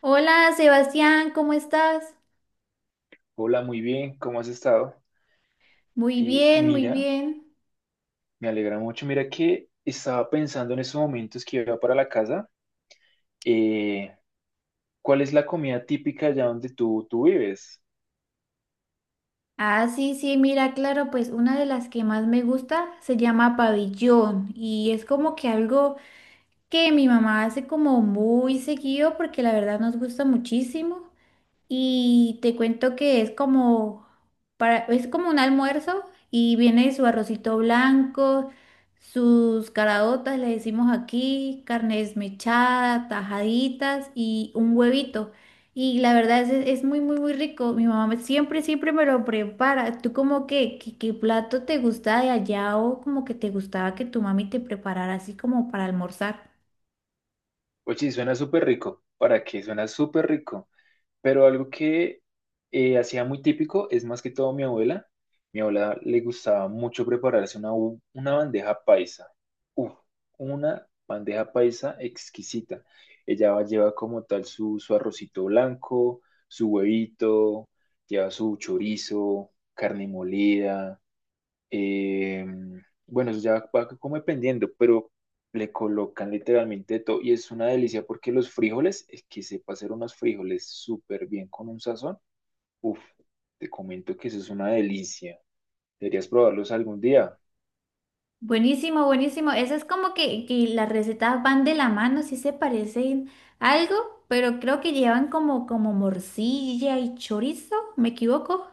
Hola, Sebastián, ¿cómo estás? Hola, muy bien, ¿cómo has estado? Muy bien, muy Mira, bien. me alegra mucho. Mira que estaba pensando en esos momentos que iba para la casa. eh, ¿Cuál es la comida típica allá donde tú vives? Ah, sí, sí, mira, claro, pues una de las que más me gusta se llama pabellón y es como que algo que mi mamá hace como muy seguido porque la verdad nos gusta muchísimo. Y te cuento que es como es como un almuerzo y viene su arrocito blanco, sus caraotas, le decimos aquí, carne desmechada, tajaditas y un huevito. Y la verdad es muy, muy, muy rico. Siempre, siempre me lo prepara. ¿Tú como que, qué plato te gusta de allá o como que te gustaba que tu mami te preparara así como para almorzar? Oye, suena súper rico. ¿Para qué? Suena súper rico. Pero algo que hacía muy típico es más que todo mi abuela. Mi abuela le gustaba mucho prepararse una bandeja paisa. Uf, una bandeja paisa exquisita. Ella lleva como tal su arrocito blanco, su huevito, lleva su chorizo, carne molida. Eh, bueno, eso ya va como dependiendo, pero le colocan literalmente de todo y es una delicia porque los frijoles, es que sepa hacer unos frijoles súper bien con un sazón. Uf, te comento que eso es una delicia. Deberías probarlos algún día. Buenísimo, buenísimo. Eso es como que las recetas van de la mano, sí se parecen algo, pero creo que llevan como morcilla y chorizo, ¿me equivoco?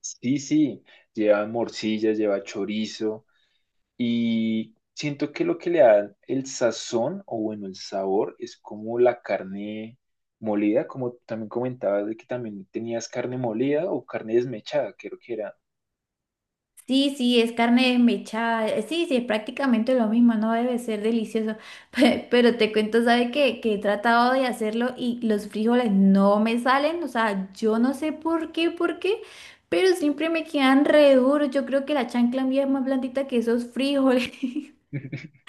Sí, sí, lleva morcilla, lleva chorizo. Y siento que lo que le da el sazón o bueno, el sabor es como la carne molida, como también comentabas de que también tenías carne molida o carne desmechada, creo que era. Sí, sí, es carne desmechada. Sí, sí, es prácticamente lo mismo, no debe ser delicioso. Pero te cuento, ¿sabes qué? Que he tratado de hacerlo y los frijoles no me salen. O sea, yo no sé por qué, pero siempre me quedan re duros. Yo creo que la chancla mía es más blandita que esos frijoles.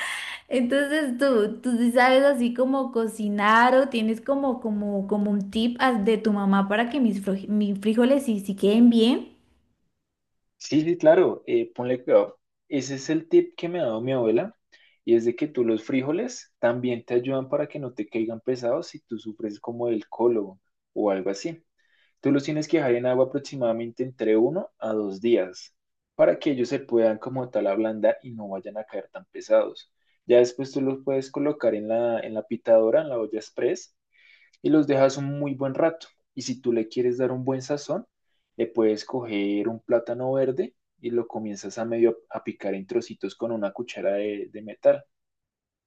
Entonces tú sí sabes así como cocinar o tienes como un tip de tu mamá para que mis frijoles sí queden bien. Sí, sí, claro, ponle cuidado. Ese es el tip que me ha dado mi abuela y es de que tú los frijoles también te ayudan para que no te caigan pesados si tú sufres como del colon o algo así. Tú los tienes que dejar en agua aproximadamente entre 1 a 2 días para que ellos se puedan como tal ablandar y no vayan a caer tan pesados. Ya después tú los puedes colocar en la pitadora, en la olla express, y los dejas un muy buen rato. Y si tú le quieres dar un buen sazón, le puedes coger un plátano verde y lo comienzas a medio a picar en trocitos con una cuchara de metal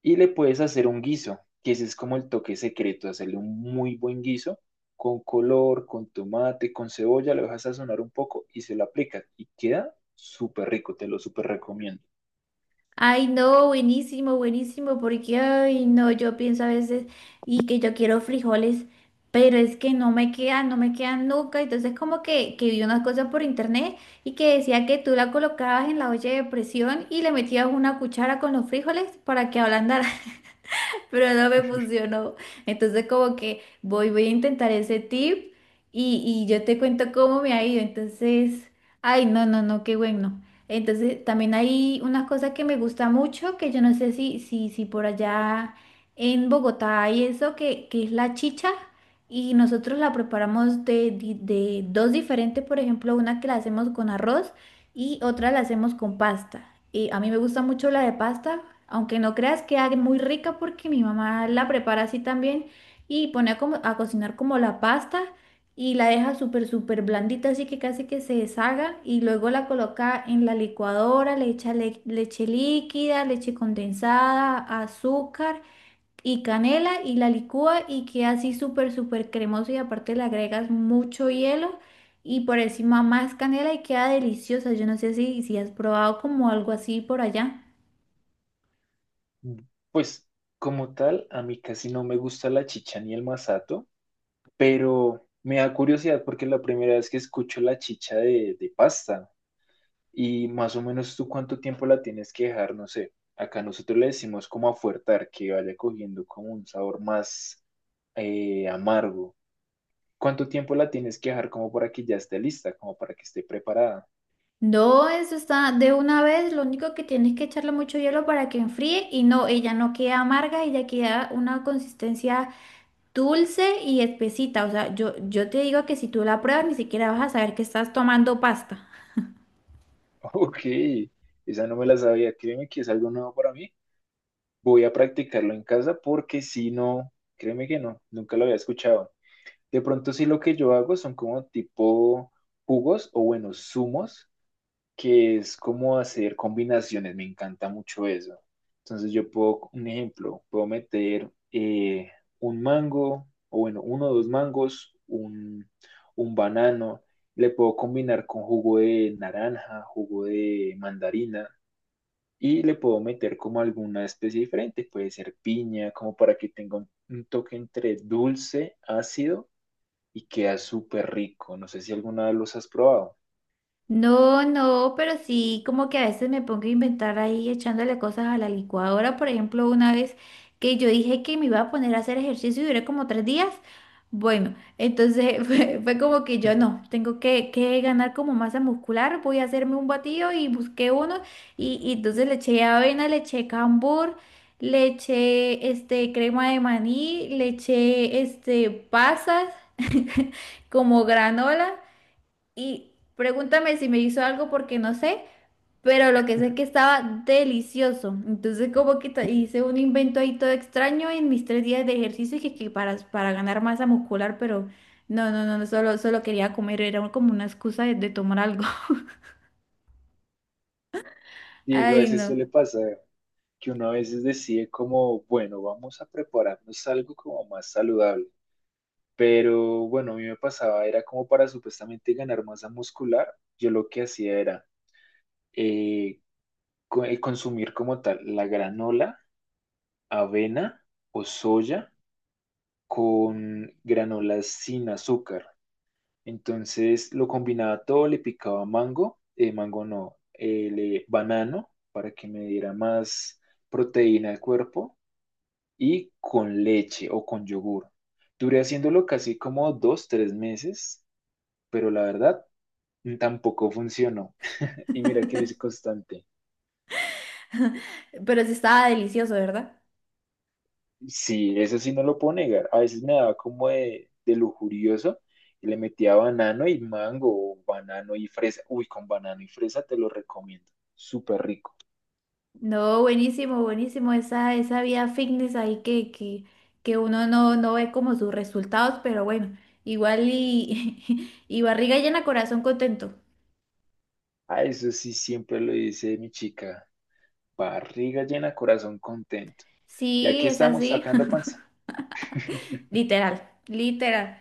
y le puedes hacer un guiso, que ese es como el toque secreto, hacerle un muy buen guiso con color, con tomate, con cebolla, lo dejas sazonar un poco y se lo aplicas y queda súper rico, te lo súper recomiendo. Ay, no, buenísimo, buenísimo, porque ay, no, yo pienso a veces y que yo quiero frijoles, pero es que no me quedan, no me quedan nunca. Entonces como que vi unas cosas por internet y que decía que tú la colocabas en la olla de presión y le metías una cuchara con los frijoles para que ablandaran. Pero no me funcionó. Entonces como que voy a intentar ese tip y yo te cuento cómo me ha ido. Entonces, ay, no, no, no, qué bueno. Entonces, también hay una cosa que me gusta mucho, que yo no sé si por allá en Bogotá hay eso, que es la chicha. Y nosotros la preparamos de dos diferentes, por ejemplo, una que la hacemos con arroz y otra la hacemos con pasta. Y a mí me gusta mucho la de pasta, aunque no creas que haga muy rica porque mi mamá la prepara así también y pone a cocinar como la pasta y la deja súper, súper blandita, así que casi que se deshaga y luego la coloca en la licuadora, le echa leche líquida, leche condensada, azúcar y canela y la licúa y queda así súper, súper cremoso y aparte le agregas mucho hielo y por encima más canela y queda deliciosa. Yo no sé si has probado como algo así por allá. Mm. Pues como tal, a mí casi no me gusta la chicha ni el masato, pero me da curiosidad porque es la primera vez que escucho la chicha de pasta. Y más o menos tú cuánto tiempo la tienes que dejar, no sé. Acá nosotros le decimos como afuertar, que vaya cogiendo como un sabor más amargo. ¿Cuánto tiempo la tienes que dejar como para que ya esté lista, como para que esté preparada? No, eso está de una vez, lo único que tienes que echarle mucho hielo para que enfríe y no, ella no queda amarga, ella queda una consistencia dulce y espesita. O sea, yo te digo que si tú la pruebas ni siquiera vas a saber que estás tomando pasta. Ok, esa no me la sabía. Créeme que es algo nuevo para mí. Voy a practicarlo en casa porque si no, créeme que no, nunca lo había escuchado. De pronto sí lo que yo hago son como tipo jugos o bueno, zumos, que es como hacer combinaciones, me encanta mucho eso. Entonces yo puedo, un ejemplo, puedo meter un mango, o bueno, 1 o 2 mangos, un banano, le puedo combinar con jugo de naranja, jugo de mandarina, y le puedo meter como alguna especie diferente, puede ser piña, como para que tenga un toque entre dulce, ácido, y queda súper rico. No sé si alguna vez los has probado. No, no, pero sí, como que a veces me pongo a inventar ahí echándole cosas a la licuadora. Por ejemplo, una vez que yo dije que me iba a poner a hacer ejercicio y duré como 3 días. Bueno, entonces fue como que yo no, tengo que ganar como masa muscular, voy a hacerme un batido y busqué uno y entonces le eché avena, le eché cambur, le eché este crema de maní, le eché este pasas como granola. Y pregúntame si me hizo algo porque no sé, pero lo que sé es que estaba delicioso. Entonces como que hice un invento ahí todo extraño en mis 3 días de ejercicio que para ganar masa muscular, pero no, no, no, no, solo, solo quería comer, era como una excusa de tomar algo. Y eso a Ay, veces no. suele pasar, que uno a veces decide como, bueno, vamos a prepararnos algo como más saludable. Pero bueno, a mí me pasaba, era como para supuestamente ganar masa muscular, yo lo que hacía era eh, consumir como tal la granola, avena o soya con granolas sin azúcar. Entonces lo combinaba todo, le picaba mango, mango no, banano para que me diera más proteína al cuerpo y con leche o con yogur. Duré haciéndolo casi como 2, 3 meses, pero la verdad tampoco funcionó. Y mira que lo hice constante. Pero sí estaba delicioso, ¿verdad? Sí, eso sí no lo puedo negar. A veces me daba como de lujurioso y le metía banano y mango o banano y fresa. Uy, con banano y fresa te lo recomiendo. Súper rico. No, buenísimo, buenísimo. Esa vida fitness ahí que uno no, no ve como sus resultados, pero bueno, igual y, y barriga llena, corazón contento. A eso sí siempre lo dice mi chica. Barriga llena, corazón contento. Y Sí, aquí es estamos así. sacando panza. Literal, literal.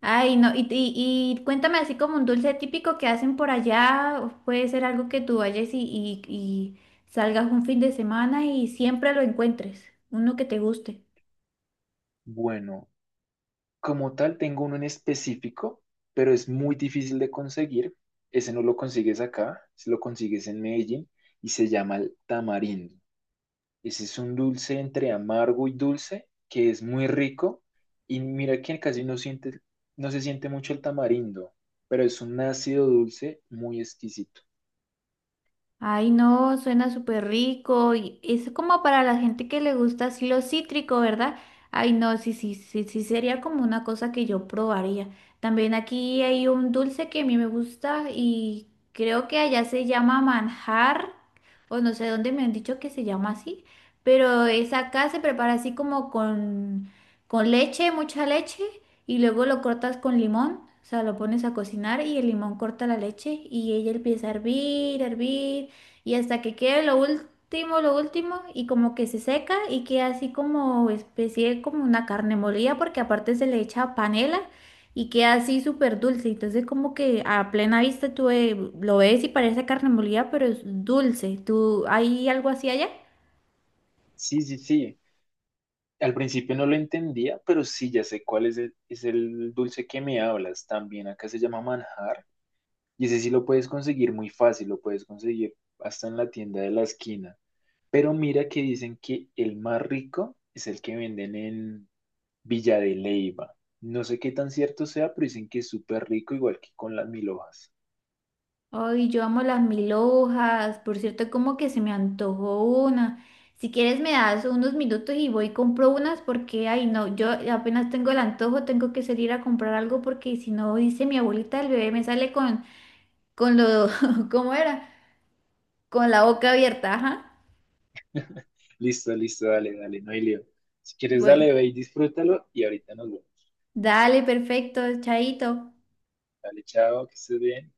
Ay, no, y cuéntame así como un dulce típico que hacen por allá, o puede ser algo que tú vayas y salgas un fin de semana y siempre lo encuentres, uno que te guste. Bueno, como tal, tengo uno en específico, pero es muy difícil de conseguir. Ese no lo consigues acá, si lo consigues en Medellín, y se llama el tamarindo. Ese es un dulce entre amargo y dulce que es muy rico y mira que casi no siente, no se siente mucho el tamarindo, pero es un ácido dulce muy exquisito. Ay, no, suena súper rico. Y es como para la gente que le gusta así lo cítrico, ¿verdad? Ay, no, sí, sí, sí, sí, sería como una cosa que yo probaría. También aquí hay un dulce que a mí me gusta y creo que allá se llama manjar, o no sé dónde me han dicho que se llama así, pero es acá se prepara así con leche, mucha leche, y luego lo cortas con limón. O sea, lo pones a cocinar y el limón corta la leche y ella empieza a hervir y hasta que quede lo último y como que se seca y queda así como especie como una carne molida porque aparte se le echa panela y queda así súper dulce. Entonces como que a plena vista tú lo ves y parece carne molida, pero es dulce. ¿Tú hay algo así allá? Sí, sí, sí. Al principio no lo entendía, pero sí, ya sé cuál es el dulce que me hablas. También acá se llama manjar. Y ese sí lo puedes conseguir muy fácil, lo puedes conseguir hasta en la tienda de la esquina. Pero mira que dicen que el más rico es el que venden en Villa de Leyva. No sé qué tan cierto sea, pero dicen que es súper rico, igual que con las mil hojas. Ay, yo amo las mil hojas. Por cierto, como que se me antojó una. Si quieres me das unos minutos y voy y compro unas porque, ay, no, yo apenas tengo el antojo, tengo que salir a comprar algo porque si no, dice mi abuelita, el bebé me sale con lo, ¿cómo era? Con la boca abierta, ajá. Listo, listo, dale, dale, no hay lío. Si quieres, Bueno, dale, ve y disfrútalo y ahorita nos vemos. dale, perfecto, chaito. Dale, chao, que estés bien.